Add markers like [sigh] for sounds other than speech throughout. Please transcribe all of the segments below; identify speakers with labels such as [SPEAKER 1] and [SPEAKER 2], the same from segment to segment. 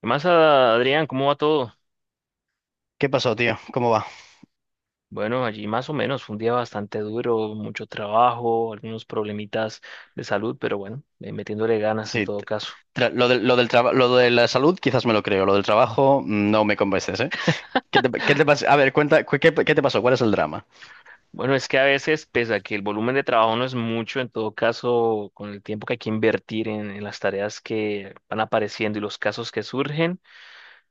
[SPEAKER 1] ¿Qué más, Adrián? ¿Cómo va todo?
[SPEAKER 2] ¿Qué pasó, tío? ¿Cómo va?
[SPEAKER 1] Bueno, allí más o menos, fue un día bastante duro, mucho trabajo, algunos problemitas de salud, pero bueno, metiéndole ganas en
[SPEAKER 2] Sí,
[SPEAKER 1] todo caso.
[SPEAKER 2] lo del lo de la salud quizás me lo creo, lo del trabajo no me convences, ¿eh? A ver, cuenta, qué te pasó? ¿Cuál es el drama?
[SPEAKER 1] Bueno, es que a veces, pese a que el volumen de trabajo no es mucho, en todo caso, con el tiempo que hay que invertir en las tareas que van apareciendo y los casos que surgen,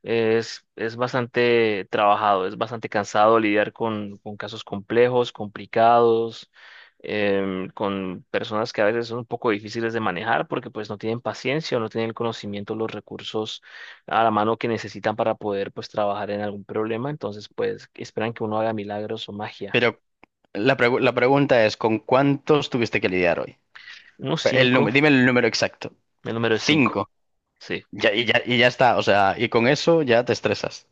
[SPEAKER 1] es bastante trabajado, es bastante cansado lidiar con casos complejos, complicados, con personas que a veces son un poco difíciles de manejar porque pues no tienen paciencia o no tienen el conocimiento, los recursos a la mano que necesitan para poder pues trabajar en algún problema. Entonces pues esperan que uno haga milagros o magia.
[SPEAKER 2] Pero la pregunta es, ¿con cuántos tuviste que lidiar hoy?
[SPEAKER 1] Uno
[SPEAKER 2] El
[SPEAKER 1] Cinco,
[SPEAKER 2] número, dime el número exacto.
[SPEAKER 1] el número es cinco,
[SPEAKER 2] Cinco.
[SPEAKER 1] sí.
[SPEAKER 2] Ya, y ya está, o sea, y con eso ya te estresas.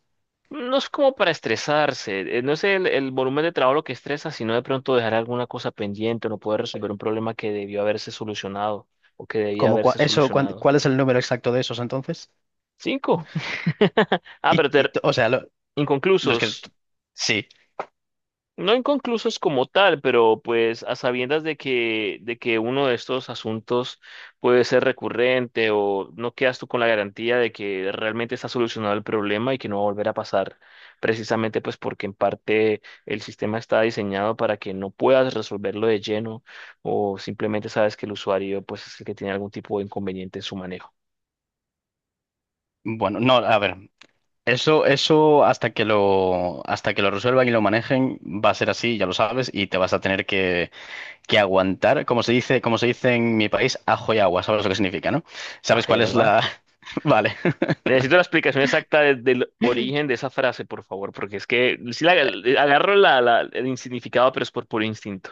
[SPEAKER 1] No es como para estresarse, no es el volumen de trabajo lo que estresa, sino de pronto dejar alguna cosa pendiente o no poder resolver un problema que debió haberse solucionado o que debía
[SPEAKER 2] ¿Cómo,
[SPEAKER 1] haberse solucionado.
[SPEAKER 2] cuál es el número exacto de esos entonces?
[SPEAKER 1] Cinco. [laughs] Ah, pero ter-
[SPEAKER 2] O sea, los que...
[SPEAKER 1] Inconclusos.
[SPEAKER 2] Sí,
[SPEAKER 1] No inconclusos como tal, pero pues a sabiendas de que uno de estos asuntos puede ser recurrente o no quedas tú con la garantía de que realmente está solucionado el problema y que no va a volver a pasar, precisamente pues porque en parte el sistema está diseñado para que no puedas resolverlo de lleno o simplemente sabes que el usuario pues es el que tiene algún tipo de inconveniente en su manejo.
[SPEAKER 2] bueno, no, a ver. Eso, hasta que lo resuelvan y lo manejen, va a ser así, ya lo sabes, y te vas a tener que aguantar, como se dice en mi país, ajo y agua, sabes lo que significa, ¿no?
[SPEAKER 1] Ah,
[SPEAKER 2] ¿Sabes cuál
[SPEAKER 1] ya
[SPEAKER 2] es la...?
[SPEAKER 1] va.
[SPEAKER 2] [laughs] Vale,
[SPEAKER 1] Necesito la explicación exacta del origen de esa frase, por favor, porque es que agarro el significado, pero es por puro instinto.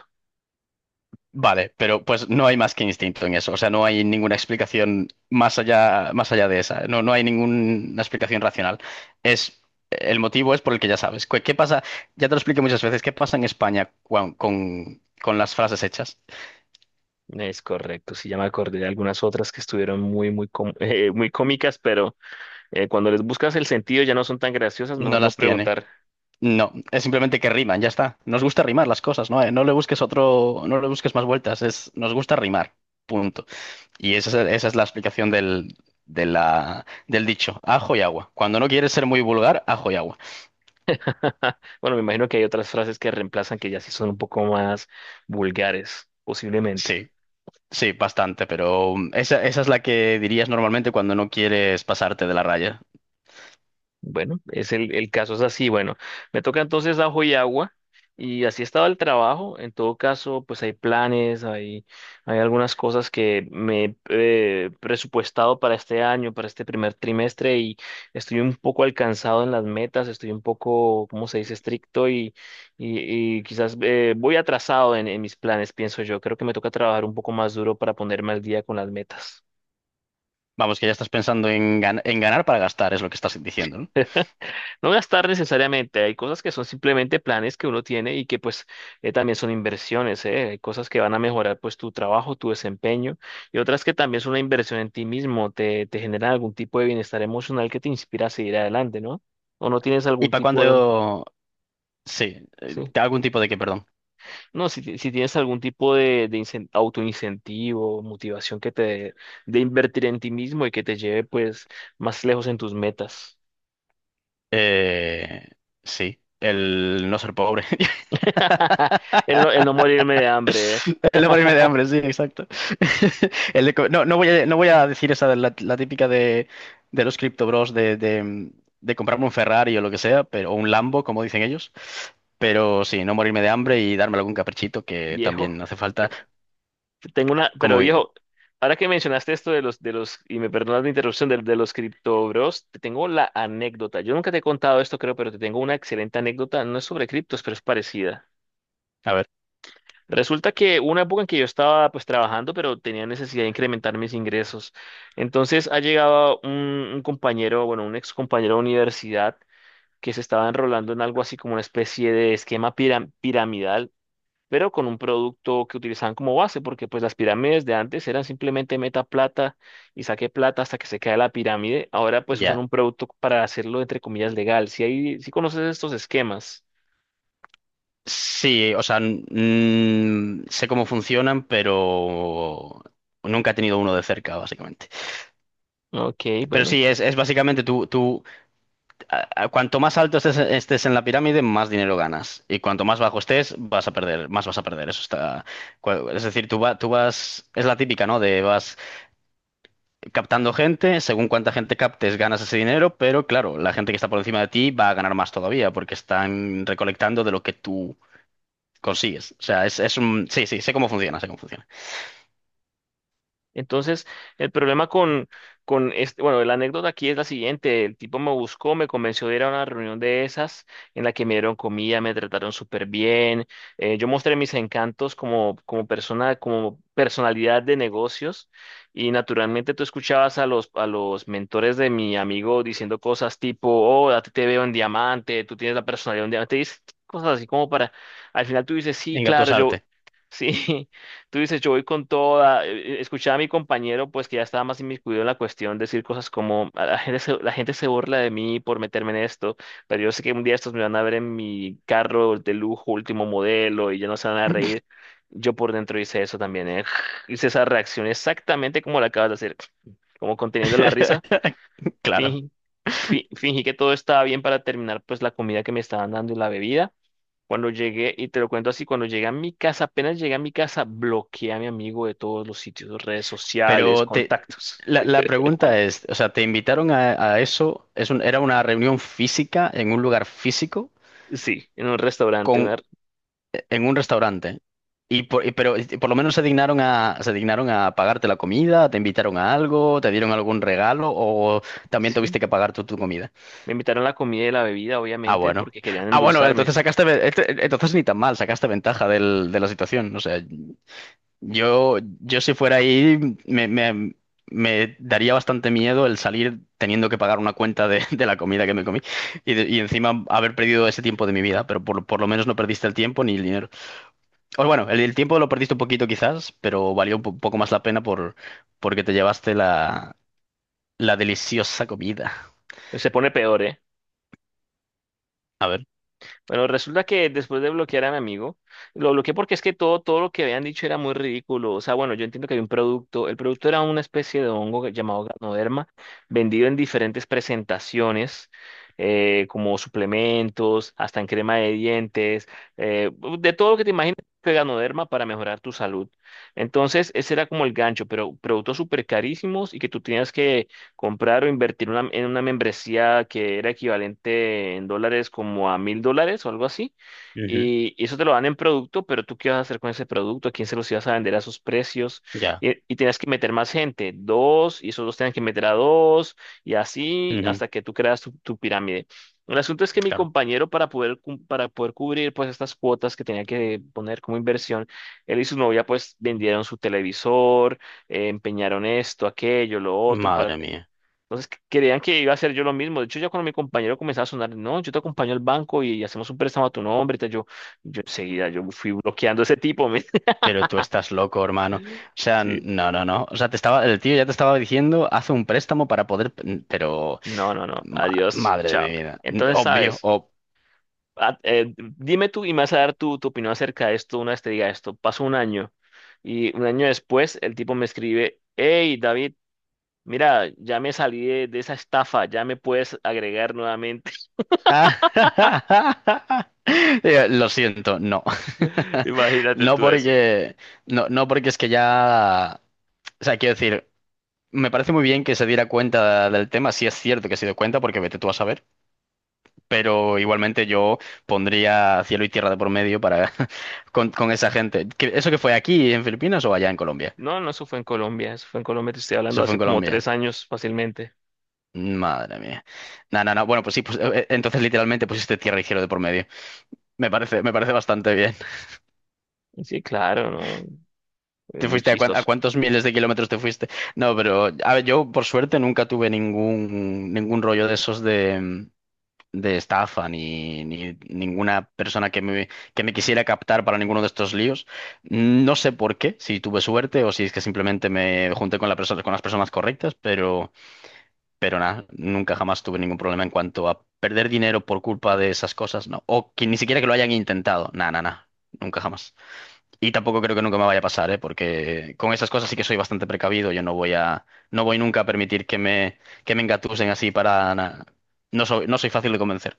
[SPEAKER 2] vale, pero pues no hay más que instinto en eso, o sea, no hay ninguna explicación más allá de esa, no, no hay ninguna explicación racional. Es, el motivo es por el que ya sabes. Qué pasa? Ya te lo expliqué muchas veces, ¿qué pasa en España con las frases hechas?
[SPEAKER 1] Es correcto, sí, ya me acordé de algunas otras que estuvieron muy, muy, [laughs] muy cómicas, pero cuando les buscas el sentido ya no son tan graciosas,
[SPEAKER 2] No
[SPEAKER 1] mejor no
[SPEAKER 2] las tienen.
[SPEAKER 1] preguntar.
[SPEAKER 2] No, es simplemente que riman, ya está. Nos gusta rimar las cosas, ¿no? No le busques otro, no le busques más vueltas, es, nos gusta rimar, punto. Y esa es la explicación del, de la, del dicho, ajo y agua. Cuando no quieres ser muy vulgar, ajo y agua.
[SPEAKER 1] [laughs] Bueno, me imagino que hay otras frases que reemplazan que ya sí son un poco más vulgares, posiblemente.
[SPEAKER 2] Sí, sí, bastante, pero esa, esa es la que dirías normalmente cuando no quieres pasarte de la raya.
[SPEAKER 1] Bueno, es el caso es así. Bueno, me toca entonces ajo y agua. Y así estaba el trabajo. En todo caso, pues hay planes, hay algunas cosas que me he presupuestado para este año, para este primer trimestre, y estoy un poco alcanzado en las metas, estoy un poco, ¿cómo se dice?, estricto y, y quizás voy atrasado en mis planes, pienso yo. Creo que me toca trabajar un poco más duro para ponerme al día con las metas.
[SPEAKER 2] Vamos, que ya estás pensando en, en ganar para gastar, es lo que estás diciendo, ¿no?
[SPEAKER 1] No gastar necesariamente, hay cosas que son simplemente planes que uno tiene y que pues también son inversiones, ¿eh? Hay cosas que van a mejorar pues tu trabajo, tu desempeño y otras que también son una inversión en ti mismo, te generan algún tipo de bienestar emocional que te inspira a seguir adelante, ¿no? O no tienes
[SPEAKER 2] ¿Y
[SPEAKER 1] algún
[SPEAKER 2] para
[SPEAKER 1] tipo de...
[SPEAKER 2] cuando... Sí,
[SPEAKER 1] Sí.
[SPEAKER 2] algún tipo de que, perdón.
[SPEAKER 1] No, si tienes algún tipo de, de autoincentivo, motivación que te dé de invertir en ti mismo y que te lleve pues más lejos en tus metas.
[SPEAKER 2] Eh, sí, el no ser pobre.
[SPEAKER 1] [laughs] El no morirme de hambre, ¿eh?
[SPEAKER 2] [laughs] El no morirme de hambre, sí, exacto. [laughs] No, no voy a, no voy a decir esa de la, la típica de los Crypto Bros de comprarme un Ferrari o lo que sea, pero, o un Lambo, como dicen ellos. Pero sí, no morirme de hambre y darme algún caprichito que también
[SPEAKER 1] Viejo.
[SPEAKER 2] hace falta.
[SPEAKER 1] Tengo una,
[SPEAKER 2] Como,
[SPEAKER 1] pero
[SPEAKER 2] vi-
[SPEAKER 1] viejo, ahora que mencionaste esto y me perdonas la interrupción, de los cripto bros, te tengo la anécdota. Yo nunca te he contado esto, creo, pero te tengo una excelente anécdota. No es sobre criptos, pero es parecida.
[SPEAKER 2] a ver,
[SPEAKER 1] Resulta que hubo una época en que yo estaba pues trabajando, pero tenía necesidad de incrementar mis ingresos. Entonces ha llegado un compañero, bueno, un ex compañero de universidad que se estaba enrolando en algo así como una especie de esquema piramidal pero con un producto que utilizaban como base, porque pues las pirámides de antes eran simplemente meta plata y saque plata hasta que se cae la pirámide. Ahora pues usan
[SPEAKER 2] ya.
[SPEAKER 1] un producto para hacerlo, entre comillas, legal. Si hay, si conoces estos esquemas.
[SPEAKER 2] Sí, o sea, sé cómo funcionan, pero nunca he tenido uno de cerca, básicamente.
[SPEAKER 1] Ok,
[SPEAKER 2] Pero
[SPEAKER 1] bueno.
[SPEAKER 2] sí, es básicamente tú, cuanto más alto estés, estés en la pirámide, más dinero ganas. Y cuanto más bajo estés, vas a perder, más vas a perder. Eso está. Es decir, tú vas. Es la típica, ¿no? De vas captando gente, según cuánta gente captes, ganas ese dinero, pero claro, la gente que está por encima de ti va a ganar más todavía, porque están recolectando de lo que tú consigues. O sea, es un. Sí, sí, sé cómo funciona, sé cómo funciona.
[SPEAKER 1] Entonces, el problema con este, bueno, la anécdota aquí es la siguiente. El tipo me buscó, me convenció de ir a una reunión de esas en la que me dieron comida, me trataron súper bien. Yo mostré mis encantos como, como persona, como personalidad de negocios. Y naturalmente tú escuchabas a los mentores de mi amigo diciendo cosas tipo: "Oh, a ti te veo en diamante, tú tienes la personalidad de un diamante". Y dices cosas así como para, al final tú dices: "Sí, claro, yo,
[SPEAKER 2] Engatusarte.
[SPEAKER 1] sí". [laughs] Tú dices: "Yo voy con toda". Escuchaba a mi compañero, pues que ya estaba más inmiscuido en la cuestión, decir cosas como: "A la gente se, La gente se burla de mí por meterme en esto, pero yo sé que un día estos me van a ver en mi carro de lujo, último modelo, y ya no se van a reír". Yo por dentro hice eso también, ¿eh? [laughs] Hice esa reacción exactamente como la acabas de hacer, como conteniendo la risa.
[SPEAKER 2] [laughs] Claro.
[SPEAKER 1] Fingí, Fingí que todo estaba bien para terminar pues la comida que me estaban dando y la bebida. Cuando llegué, y te lo cuento así, cuando llegué a mi casa, apenas llegué a mi casa, bloqueé a mi amigo de todos los sitios, redes sociales,
[SPEAKER 2] Pero te,
[SPEAKER 1] contactos.
[SPEAKER 2] la, la pregunta es, o sea, ¿te invitaron a eso? Era una reunión física en un lugar físico
[SPEAKER 1] Sí, en un restaurante,
[SPEAKER 2] con, en un restaurante? Y pero y por lo menos se dignaron a pagarte la comida, te invitaron a algo, te dieron algún regalo o también
[SPEAKER 1] sí.
[SPEAKER 2] tuviste que pagar tú tu comida.
[SPEAKER 1] Me invitaron la comida y la bebida,
[SPEAKER 2] Ah,
[SPEAKER 1] obviamente,
[SPEAKER 2] bueno.
[SPEAKER 1] porque querían
[SPEAKER 2] Ah, bueno, entonces
[SPEAKER 1] endulzarme.
[SPEAKER 2] sacaste, entonces ni tan mal, sacaste ventaja del, de la situación. O sea, Yo si fuera ahí, me daría bastante miedo el salir teniendo que pagar una cuenta de, [laughs] de la comida que me comí y, y encima haber perdido ese tiempo de mi vida, pero por lo menos no perdiste el tiempo ni el dinero. O bueno, el tiempo lo perdiste un poquito quizás, pero valió un poco más la pena por, porque te llevaste la, la deliciosa comida.
[SPEAKER 1] Se pone peor, ¿eh?
[SPEAKER 2] A ver.
[SPEAKER 1] Bueno, resulta que después de bloquear a mi amigo, lo bloqueé porque es que todo, todo lo que habían dicho era muy ridículo. O sea, bueno, yo entiendo que había un producto. El producto era una especie de hongo llamado Ganoderma, vendido en diferentes presentaciones, como suplementos, hasta en crema de dientes, eh, de todo lo que te imagines, que Ganoderma para mejorar tu salud. Entonces, ese era como el gancho, pero productos súper carísimos y que tú tenías que comprar o invertir en una membresía que era equivalente en dólares como a $1,000 o algo así.
[SPEAKER 2] Ujú,
[SPEAKER 1] Y eso te lo dan en producto, pero tú qué vas a hacer con ese producto, a quién se los ibas a vender a esos precios.
[SPEAKER 2] ya.
[SPEAKER 1] Y tenías que meter más gente, dos, y esos dos tenían que meter a dos, y así
[SPEAKER 2] Ujú,
[SPEAKER 1] hasta que tú creas tu, tu pirámide. El asunto es que mi
[SPEAKER 2] claro.
[SPEAKER 1] compañero, para poder, para poder cubrir pues estas cuotas que tenía que poner como inversión, él y su novia pues vendieron su televisor, empeñaron esto, aquello, lo otro, para...
[SPEAKER 2] Madre mía.
[SPEAKER 1] Entonces creían que iba a hacer yo lo mismo. De hecho, ya cuando mi compañero comenzaba a sonar: "No, yo te acompaño al banco y hacemos un préstamo a tu nombre y tal", yo enseguida, yo fui bloqueando a ese tipo, men. [laughs]
[SPEAKER 2] Pero tú estás loco, hermano. O sea,
[SPEAKER 1] Sí.
[SPEAKER 2] no, no, no. O sea, te estaba, el tío ya te estaba diciendo, haz un préstamo para poder. Pero,
[SPEAKER 1] No, no, no.
[SPEAKER 2] ma-
[SPEAKER 1] Adiós.
[SPEAKER 2] madre de mi
[SPEAKER 1] Chao.
[SPEAKER 2] vida.
[SPEAKER 1] Entonces,
[SPEAKER 2] Obvio,
[SPEAKER 1] ¿sabes? Dime tú y me vas a dar tu, tu opinión acerca de esto una vez te diga esto. Pasó un año y un año después el tipo me escribe: "Hey, David, mira, ya me salí de esa estafa, ya me puedes agregar nuevamente".
[SPEAKER 2] [laughs] Lo siento, no.
[SPEAKER 1] [laughs]
[SPEAKER 2] [laughs]
[SPEAKER 1] Imagínate
[SPEAKER 2] No
[SPEAKER 1] tú.
[SPEAKER 2] porque, no, no porque es que ya. O sea, quiero decir, me parece muy bien que se diera cuenta del tema. Si es cierto que se dio cuenta, porque vete tú a saber. Pero igualmente yo pondría cielo y tierra de por medio para [laughs] con esa gente. ¿Eso que fue aquí en Filipinas o allá en Colombia?
[SPEAKER 1] No, no, eso fue en Colombia, eso fue en Colombia, te estoy hablando
[SPEAKER 2] Eso fue en
[SPEAKER 1] hace como
[SPEAKER 2] Colombia.
[SPEAKER 1] 3 años fácilmente.
[SPEAKER 2] Madre mía. No, no, no. Bueno, pues sí, pues entonces literalmente pusiste tierra y cielo de por medio. Me parece bastante bien.
[SPEAKER 1] Sí, claro, no,
[SPEAKER 2] [laughs]
[SPEAKER 1] es
[SPEAKER 2] ¿Te
[SPEAKER 1] muy
[SPEAKER 2] fuiste a, a
[SPEAKER 1] chistoso.
[SPEAKER 2] cuántos miles de kilómetros te fuiste? No, pero a ver, yo por suerte nunca tuve ningún, ningún rollo de esos de, de estafa ni, ni ninguna persona que me quisiera captar para ninguno de estos líos. No sé por qué, si tuve suerte o si es que simplemente me junté con la persona, con las personas correctas, pero nada, nunca jamás tuve ningún problema en cuanto a perder dinero por culpa de esas cosas, ¿no? O que ni siquiera que lo hayan intentado, nada, nada, nada. Nunca jamás. Y tampoco creo que nunca me vaya a pasar, ¿eh? Porque con esas cosas sí que soy bastante precavido. Yo no voy a, no voy nunca a permitir que me engatusen así para nada. No soy, no soy fácil de convencer.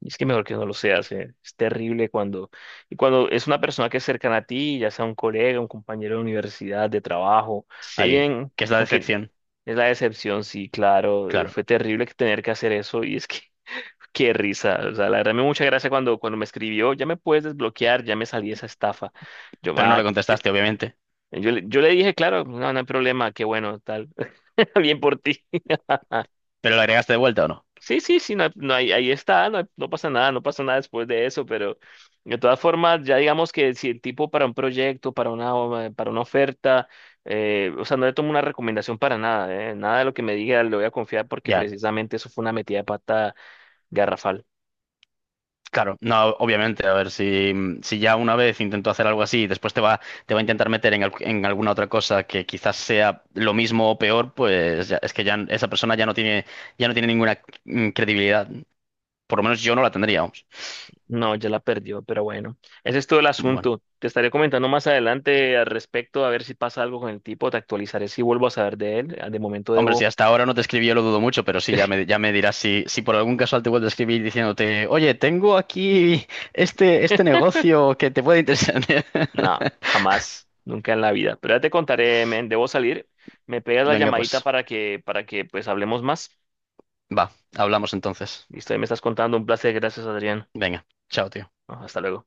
[SPEAKER 1] Y es que mejor que no lo seas, es terrible cuando, y cuando es una persona que es cercana a ti, ya sea un colega, un compañero de universidad, de trabajo,
[SPEAKER 2] Sí,
[SPEAKER 1] alguien
[SPEAKER 2] que es la
[SPEAKER 1] con quien
[SPEAKER 2] decepción,
[SPEAKER 1] es la decepción, sí, claro,
[SPEAKER 2] claro.
[SPEAKER 1] fue terrible que tener que hacer eso, y es que [laughs] qué risa, o sea, la verdad me dio mucha gracia cuando, cuando me escribió: "Ya me puedes desbloquear, ya me salí de esa estafa". Yo,
[SPEAKER 2] Pero no le
[SPEAKER 1] ma,
[SPEAKER 2] contestaste, obviamente.
[SPEAKER 1] yo le dije: "Claro, no, no hay problema, qué bueno, tal". [laughs] Bien por ti. Ah,
[SPEAKER 2] ¿Pero le agregaste de vuelta o no?
[SPEAKER 1] sí, sí, sí, no, ahí está, no pasa nada, no pasa nada después de eso, pero de todas formas, ya digamos que si el tipo para un proyecto, para una oferta, o sea, no le tomo una recomendación para nada, nada de lo que me diga le voy a confiar porque
[SPEAKER 2] Ya,
[SPEAKER 1] precisamente eso fue una metida de pata garrafal.
[SPEAKER 2] claro. No, obviamente. A ver, si, si ya una vez intentó hacer algo así y después te va a intentar meter en, en alguna otra cosa que quizás sea lo mismo o peor, pues es que ya esa persona ya no tiene ninguna credibilidad. Por lo menos yo no la tendría, vamos.
[SPEAKER 1] No, ya la perdió, pero bueno, ese es todo el
[SPEAKER 2] Bueno.
[SPEAKER 1] asunto. Te estaré comentando más adelante al respecto, a ver si pasa algo con el tipo, te actualizaré si vuelvo a saber de él. Ah, de momento
[SPEAKER 2] Hombre, si
[SPEAKER 1] debo...
[SPEAKER 2] hasta ahora no te escribí, yo lo dudo mucho, pero sí, ya me dirás si, si por algún casual te vuelvo a escribir diciéndote, oye, tengo aquí este, este
[SPEAKER 1] [laughs]
[SPEAKER 2] negocio que te puede interesar.
[SPEAKER 1] No,
[SPEAKER 2] [laughs]
[SPEAKER 1] jamás, nunca en la vida. Pero ya te contaré, men, debo salir. Me pegas la
[SPEAKER 2] Venga,
[SPEAKER 1] llamadita
[SPEAKER 2] pues,
[SPEAKER 1] para que pues hablemos más.
[SPEAKER 2] va, hablamos entonces.
[SPEAKER 1] Listo, ahí me estás contando. Un placer, gracias, Adrián.
[SPEAKER 2] Venga, chao, tío.
[SPEAKER 1] No, hasta luego.